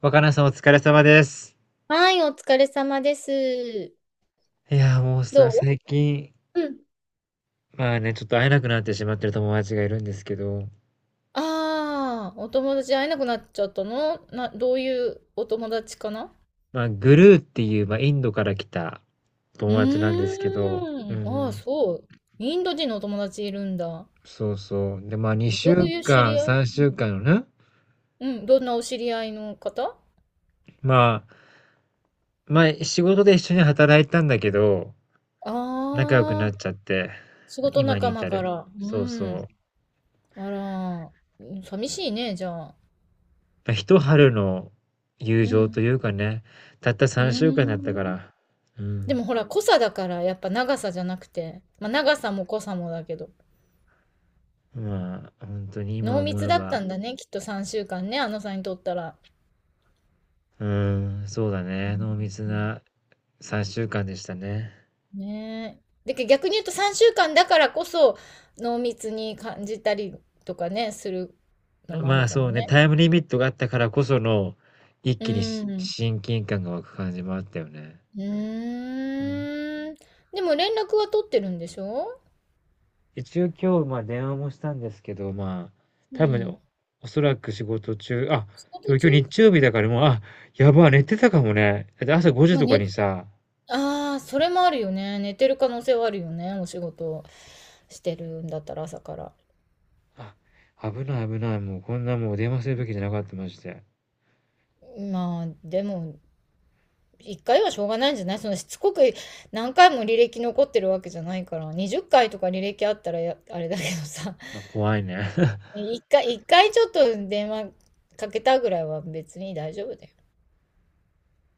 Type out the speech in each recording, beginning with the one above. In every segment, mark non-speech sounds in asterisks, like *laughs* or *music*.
若菜さんお疲れ様です。はい、お疲れ様です。いや、もうどさ、最近、ううん。まあね、ちょっと会えなくなってしまってる友達がいるんですけど、ああ、お友達会えなくなっちゃったのな、どういうお友達かな。まあ、グルーっていう、まあ、インドから来た友達なんですけど、うああ、ん、そう。インド人のお友達いるんだ。そうそう。で、まあ、2どう週いう知り間、合い。3週間のね、うん。うん、どんなお知り合いの方。まあ、まあ、仕事で一緒に働いたんだけど、仲良くなあっあー、ちゃって、仕事今に仲間至かる。ら。そううそう。ん。あら、うん寂しいね、じゃあ。まあ、一春の友う情とん。いうかね、たったう3週間だったかーん。ら、うん。でもほら、濃さだから、やっぱ長さじゃなくて。まあ、長さも濃さもだけど。まあ、本当に今濃思密えだっば、たんだね、きっと3週間ね、あのさんにとったら。うーん、そうだうね、ん濃密な3週間でしたね。ねえ。で、逆に言うと3週間だからこそ濃密に感じたりとかね、するのもあまるあ、かそもうね、ね。タイムリミットがあったからこその、一う気にしん。親近感が湧く感じもあったよね。ううん。ーん。でも連絡は取ってるんでしょ。一応今日、まあ、電話もしたんですけど、まあ、う多分、おん。おそらく仕事中あ、仕で事も今日中。日曜日だからもう、あ、やばい、寝てたかもね。だって朝5時まあ、とかね、にさ、ああ、それもあるよね。寝てる可能性はあるよね。お仕事してるんだったら朝から。あ、危ない危ない、もうこんなもう電話するべきじゃなかった、ましてまあ、でも、1回はしょうがないんじゃない、そのしつこく何回も履歴残ってるわけじゃないから、20回とか履歴あったらやあれだけどさ、ま、怖いね。1回ちょっと電話かけたぐらいは別に大丈夫だよ。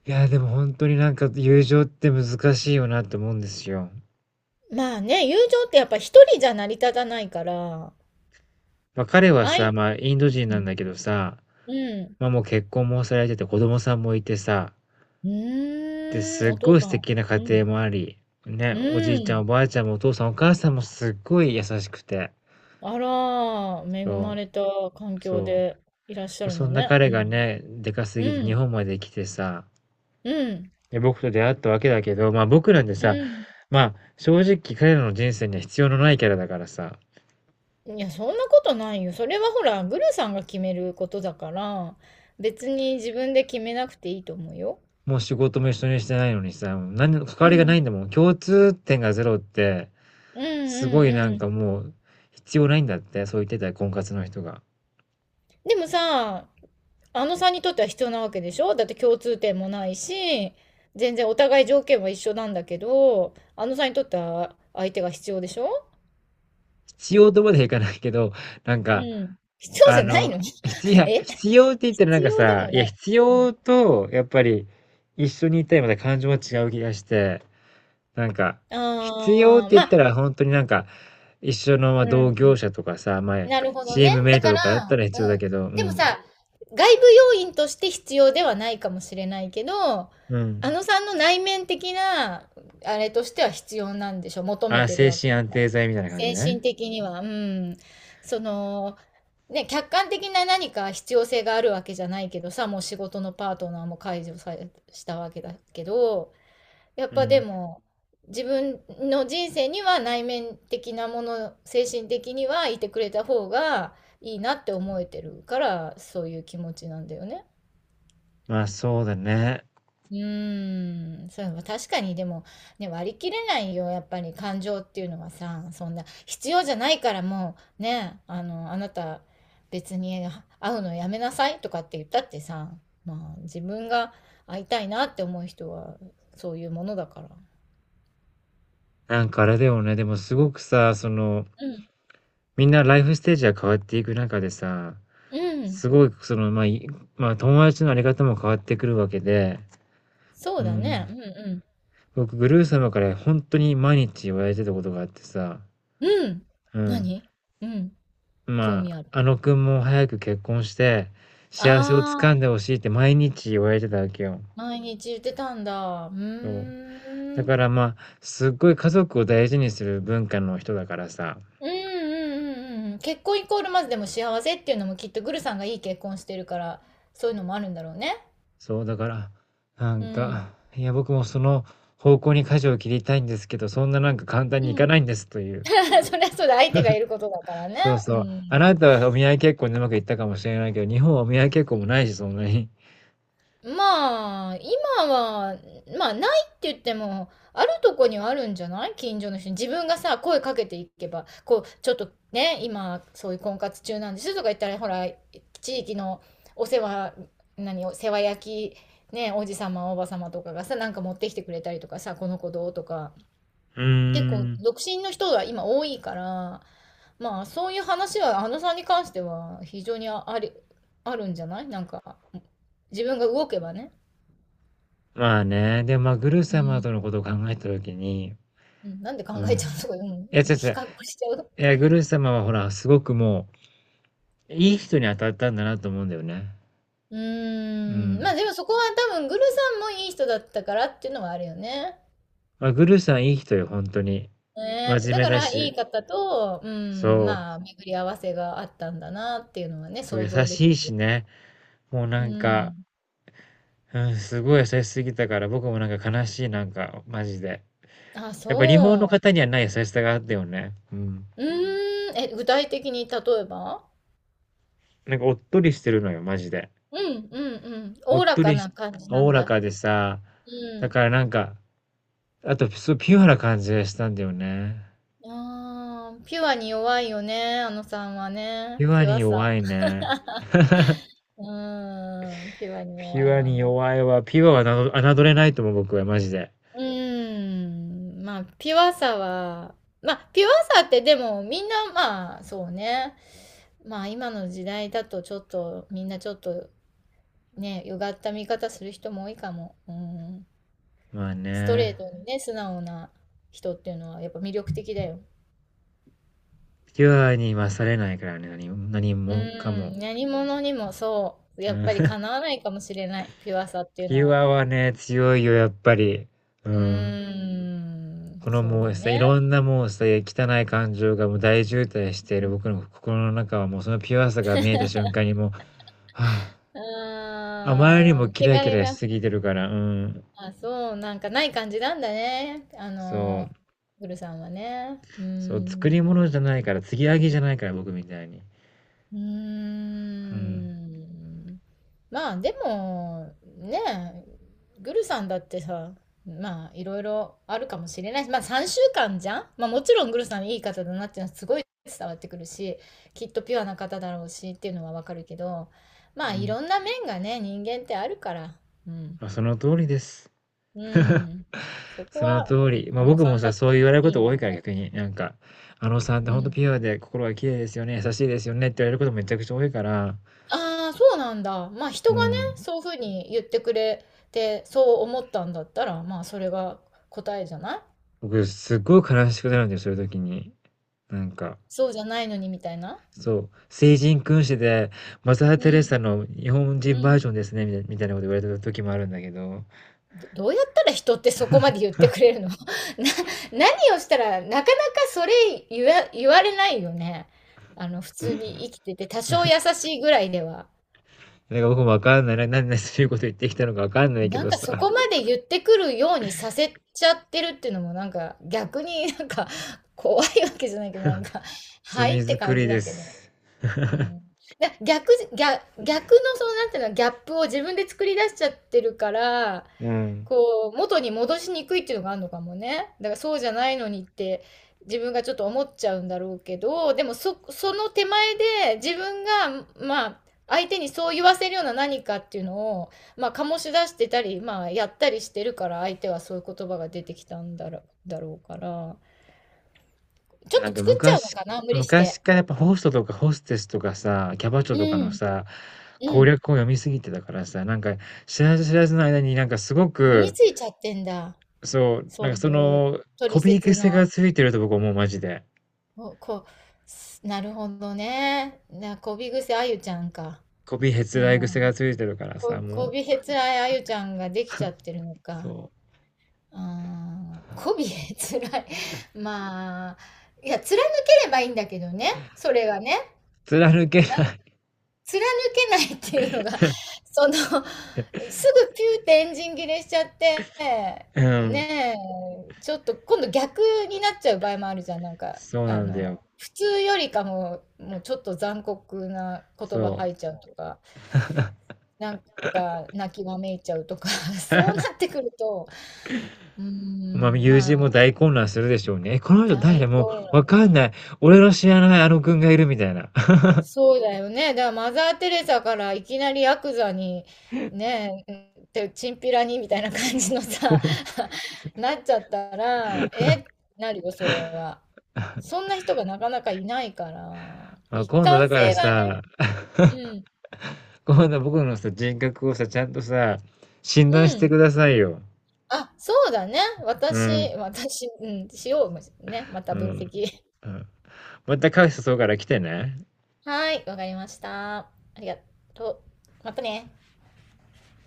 いや、でもほんとになんか友情って難しいよなって思うんですよ。まあね、友情ってやっぱ一人じゃ成り立たないから。ま、彼はあい、さ、ま、インド人うなんん、だけどさ、うん。ま、もう結婚もされてて子供さんもいてさ、うで、ーすん、っおご父いさ素ん。敵な家う庭ん。もあり、ね、うおじーいちゃんおん。ばあちゃんもお父さんお母さんもすっごい優しくて、あら、恵まそれた環う、境そでいらっしゃう。るそのんなね。彼うがん。ね、でかすぎうて日ん。本まで来てさ、うん。で、僕と出会ったわけだけど、ま、僕なんてうさ、ん。ま、正直彼らの人生には必要のないキャラだからさ。いや、そんなことないよ。それはほら、グルさんが決めることだから、別に自分で決めなくていいと思うよ。もう仕事も一緒にしてないのにさ、もう何の関うわりがないん。んだもん。共通点がゼロって、うんすうごんいなうんかん。もう、必要ないんだって、そう言ってたよ、婚活の人が。でもさ、あのさんにとっては必要なわけでしょ、だって共通点もないし、全然お互い条件は一緒なんだけど、あのさんにとっては相手が必要でしょ。必要とまではいかないけど、なんうか、ん。必要あじゃないの、の？ 必要、い *laughs* やえ、必要って言ったらなん必か要でさ、もいや、ない。必う要ん、と、やっぱり、一緒にいたいまた感情は違う気がして、なんか、必要っあてあ、言まったあ、ら本当になんか、一緒のまあう同ん、業者とかさ、まあ、なるほどチね。ームメイだトかとら、かだったら必要うだけん。ど、うでもん。さ、外部要因として必要ではないかもしれないけど、あうん。のさんの内面的な、あれとしては必要なんでしょ、求めあ、てる精わ神けだ安から。定剤みたいな感じ精神ね。的には、うん。その、ね、客観的な何か必要性があるわけじゃないけどさ、もう仕事のパートナーも解除されしたわけだけど、やっうぱでん。も自分の人生には内面的なもの、精神的にはいてくれた方がいいなって思えてるから、そういう気持ちなんだよね。まあそうだね。うーん、そう、確かにでも、ね、割り切れないよ、やっぱり感情っていうのはさ、そんな必要じゃないからもうね、あの、あなた別に会うのやめなさいとかって言ったってさ、まあ自分が会いたいなって思う人はそういうものだから。なんかあれだよね。でもすごくさ、その、うん、みんなライフステージが変わっていく中でさ、うん。すごい、その、まあ、いまあ友達のあり方も変わってくるわけで、そううだね。ん。うん僕、グルー様から本当に毎日言われてたことがあってさ、うん。うん。うん。何？うん。興ま味ある。あ、あの君も早く結婚して、幸せをつあかんあ、でほしいって毎日言われてたわけよ。毎日言ってたんだ。うそう。だーん。からまあ、すっごい家族を大事にする文化の人だからさ、うんうんうんうんうん。結婚イコールまずでも幸せっていうのもきっとグルさんがいい結婚してるから、そういうのもあるんだろうね。そうだから、なんうん。か、いや僕もその方向に舵を切りたいんですけど、そんななんか簡単うにいかん。ないんですという。*laughs* そりゃそうだ、相手がいることだからね。そうそうう。あなん。たはお見合い結婚でうまくいったかもしれないけど、日本はお見合い結婚もないし、そんなに。まあ、今は、まあ、ないって言っても、あるとこにはあるんじゃない、近所の人に。自分がさ、声かけていけば、こう、ちょっとね、今、そういう婚活中なんですとか言ったら、ほら、地域のお世話、何、お世話焼き、ね、おじさま、おばさまとかがさ、なんか持ってきてくれたりとかさ、この子どうとか、うー結構、ん。独身の人が今多いから、まあ、そういう話は、あのさんに関しては、非常にああり、あるんじゃない、なんか、自分が動けばね。まあね、でもまあ、グルう様ん、とのことを考えた時に、うん、なんで考うえちん。ゃうのとか、いや、違うん、う違比う。較しちゃう。いや、グル様はほら、すごくもう、いい人に当たったんだなと思うんだよね。ううーん、まん。あでもそこは多分、グルさんもいい人だったからっていうのはあるよね。まあ、グルさんいい人よ、本当に。真ね、だ面目かだらいし、い方と、うん、そまあう、巡り合わせがあったんだなっていうのはね、そう想優像でしきいしる。ね。もううなんか、ん。うん、すごい優しすぎたから、僕もなんか悲しい、なんか、マジで。あ、やっぱ日本のそ方にはない優しさがあったよね。うん。う。うーん、え、具体的に例えば。なんかおっとりしてるのよ、マジで。うんうんうん。おおっおらとかりし、な感じなおおんらだ。かでさ、うだん。からなんか、あと、そうピュアな感じがしたんだよね。ああ、ピュアに弱いよね、あのさんはね。ピュアピュアにさ。弱いね。うーん、ピュアにピ弱ュいアわにね。弱いわ。ピュアはなど侮れないと思う、僕は、マジで。うーん、まあ、ピュアさは、まあ、ピュアさってでもみんな、まあ、そうね。まあ、今の時代だとちょっと、みんなちょっとね、うがった見方する人も多いかも。うん。まあストレね。ートにね、素直な人っていうのはやっぱ魅力的だよ。ピュアに勝れないからね、何も何うもかも。ん、何者にもそう、うやっん ぱりか *laughs* なわないかもしれない、ピュアさっていうピのュは。アはね、強いよ、やっぱり。ううーん。ん、このそうもうださ、ね。いろんなもうさ、汚い感情がもう大渋滞している僕の心の中はもうそのピュアさが見えた瞬間にもう、はあ、うあまりにーん、もキラ汚キれラしが、すぎてるから、うん。あ、そう、なんかない感じなんだね。あその、う。グルさんはね。うーそう、作りん。物じゃないから、継ぎはぎじゃないから、僕みたいに。うーうん。ん。まあ、でも、ねえ、グルさんだってさ、まあ、いろいろあるかもしれないし、まあ、3週間じゃん、まあ、もちろんグルさんいい方だなっていうのはすごい伝わってくるし、きっとピュアな方だろうしっていうのはわかるけど、うまあ、いん。ろんな面がね、人間ってあるから。うん。まあ、その通りです。う *laughs* ん。そこそのは、通うん、り。まあ、あの僕さもんださ、っそうて言ね、われるこいいと多面いかもらある。逆に、なんか、あのさんってうほんとピん。ュアで心が綺麗ですよね、優しいですよねって言われることめちゃくちゃ多いから、ああ、そうなんだ。まあう人がね、ん。そういうふうに言ってくれて、そう思ったんだったら、まあそれが答えじゃない。僕すっごい悲しくなるんだよ、そういう時に。なんか、そうじゃないのにみたいな。そう、聖人君子で、マザー・うテレん。サの日本う人バーん。ジョンですね、みたいみたいなこと言われた時もあるんだけど、ど、どうやったら人ってそこまで言ってくれるの？ *laughs* な、何をしたら、なかなかそれ言わ、言われないよね。あの、普通に生きてて、多少優しいぐらいでは。なんか僕もわかんない、ななんでそういうこと言ってきたのかわかんないけなんどかさ、そこまで言ってくるようにさせちゃってるっていうのもなんか逆に *laughs* なんか怖いわけじゃないけどなんか *laughs* はいっ罪て作感りじでだけど、す。うん、だ逆じ、逆、逆のそのなんていうのギャップを自分で作り出しちゃってるからうん。こう、元に戻しにくいっていうのがあるのかもね。だからそうじゃないのにって自分がちょっと思っちゃうんだろうけど、でもそ、その手前で自分が、まあ、相手にそう言わせるような何かっていうのを、まあ、醸し出してたり、まあ、やったりしてるから、相手はそういう言葉が出てきたんだろ、だろうから、ちょっなんとか作っちゃうの昔、かな、無理し昔て。からやっぱホストとかホステスとかさ、キャバ嬢うとかのん、さ、う攻ん。略を読みすぎてたからさ、なんか知らず知らずの間になんかすご身にく、ついちゃってんだ。そう、なそんうかいそう、の、取コピー説癖がの。ついてると僕思う、マジで。お、こ、す、なるほどね。な、こびぐせあゆちゃんか。コピーへうつらい癖がん。ついてるからさ、こ、こもう、びへつらいあゆちゃんができちゃってるのか。そう。うん。こびへつらい。*laughs* まあ、いや、貫ければいいんだけどね。それがね。貫けな貫けないっていうのが、*laughs* その、すぐピューってエンジン切れしちゃって、い。うん。ねえ、ちょっと今度逆になっちゃう場合もあるじゃん。なんか、そうあなんだの、よ。普通よりかも、もうちょっと残酷な言葉そ吐いちゃうとか、なんか泣きわめいちゃうとか、*laughs* そうなってくると、うーう。まあ、ん、友ま人もあ、大混乱するでしょうね。え、この人大誰も混うわ乱。かんない。俺の知らないあの君がいるみたいな。そうだよね。だからマザー・テレサからいきなりヤクザに、ねえ、てチンピラにみたいな感じのさ、*laughs* なっちゃったら、え、なるよ、それは。そんな人がなかなかいないから、*laughs* まあ、一今度だ貫から性がね、さ、う *laughs* ん、今度僕のさ、人格をさ、ちゃんとさ、診う断してん。くださいよ。あ、そうだね。う私、ん。私、うん、しようね。またう分ん。析。*laughs* うん。またカフェ誘うから来てね。はい、わかりました。ありがとう。またね。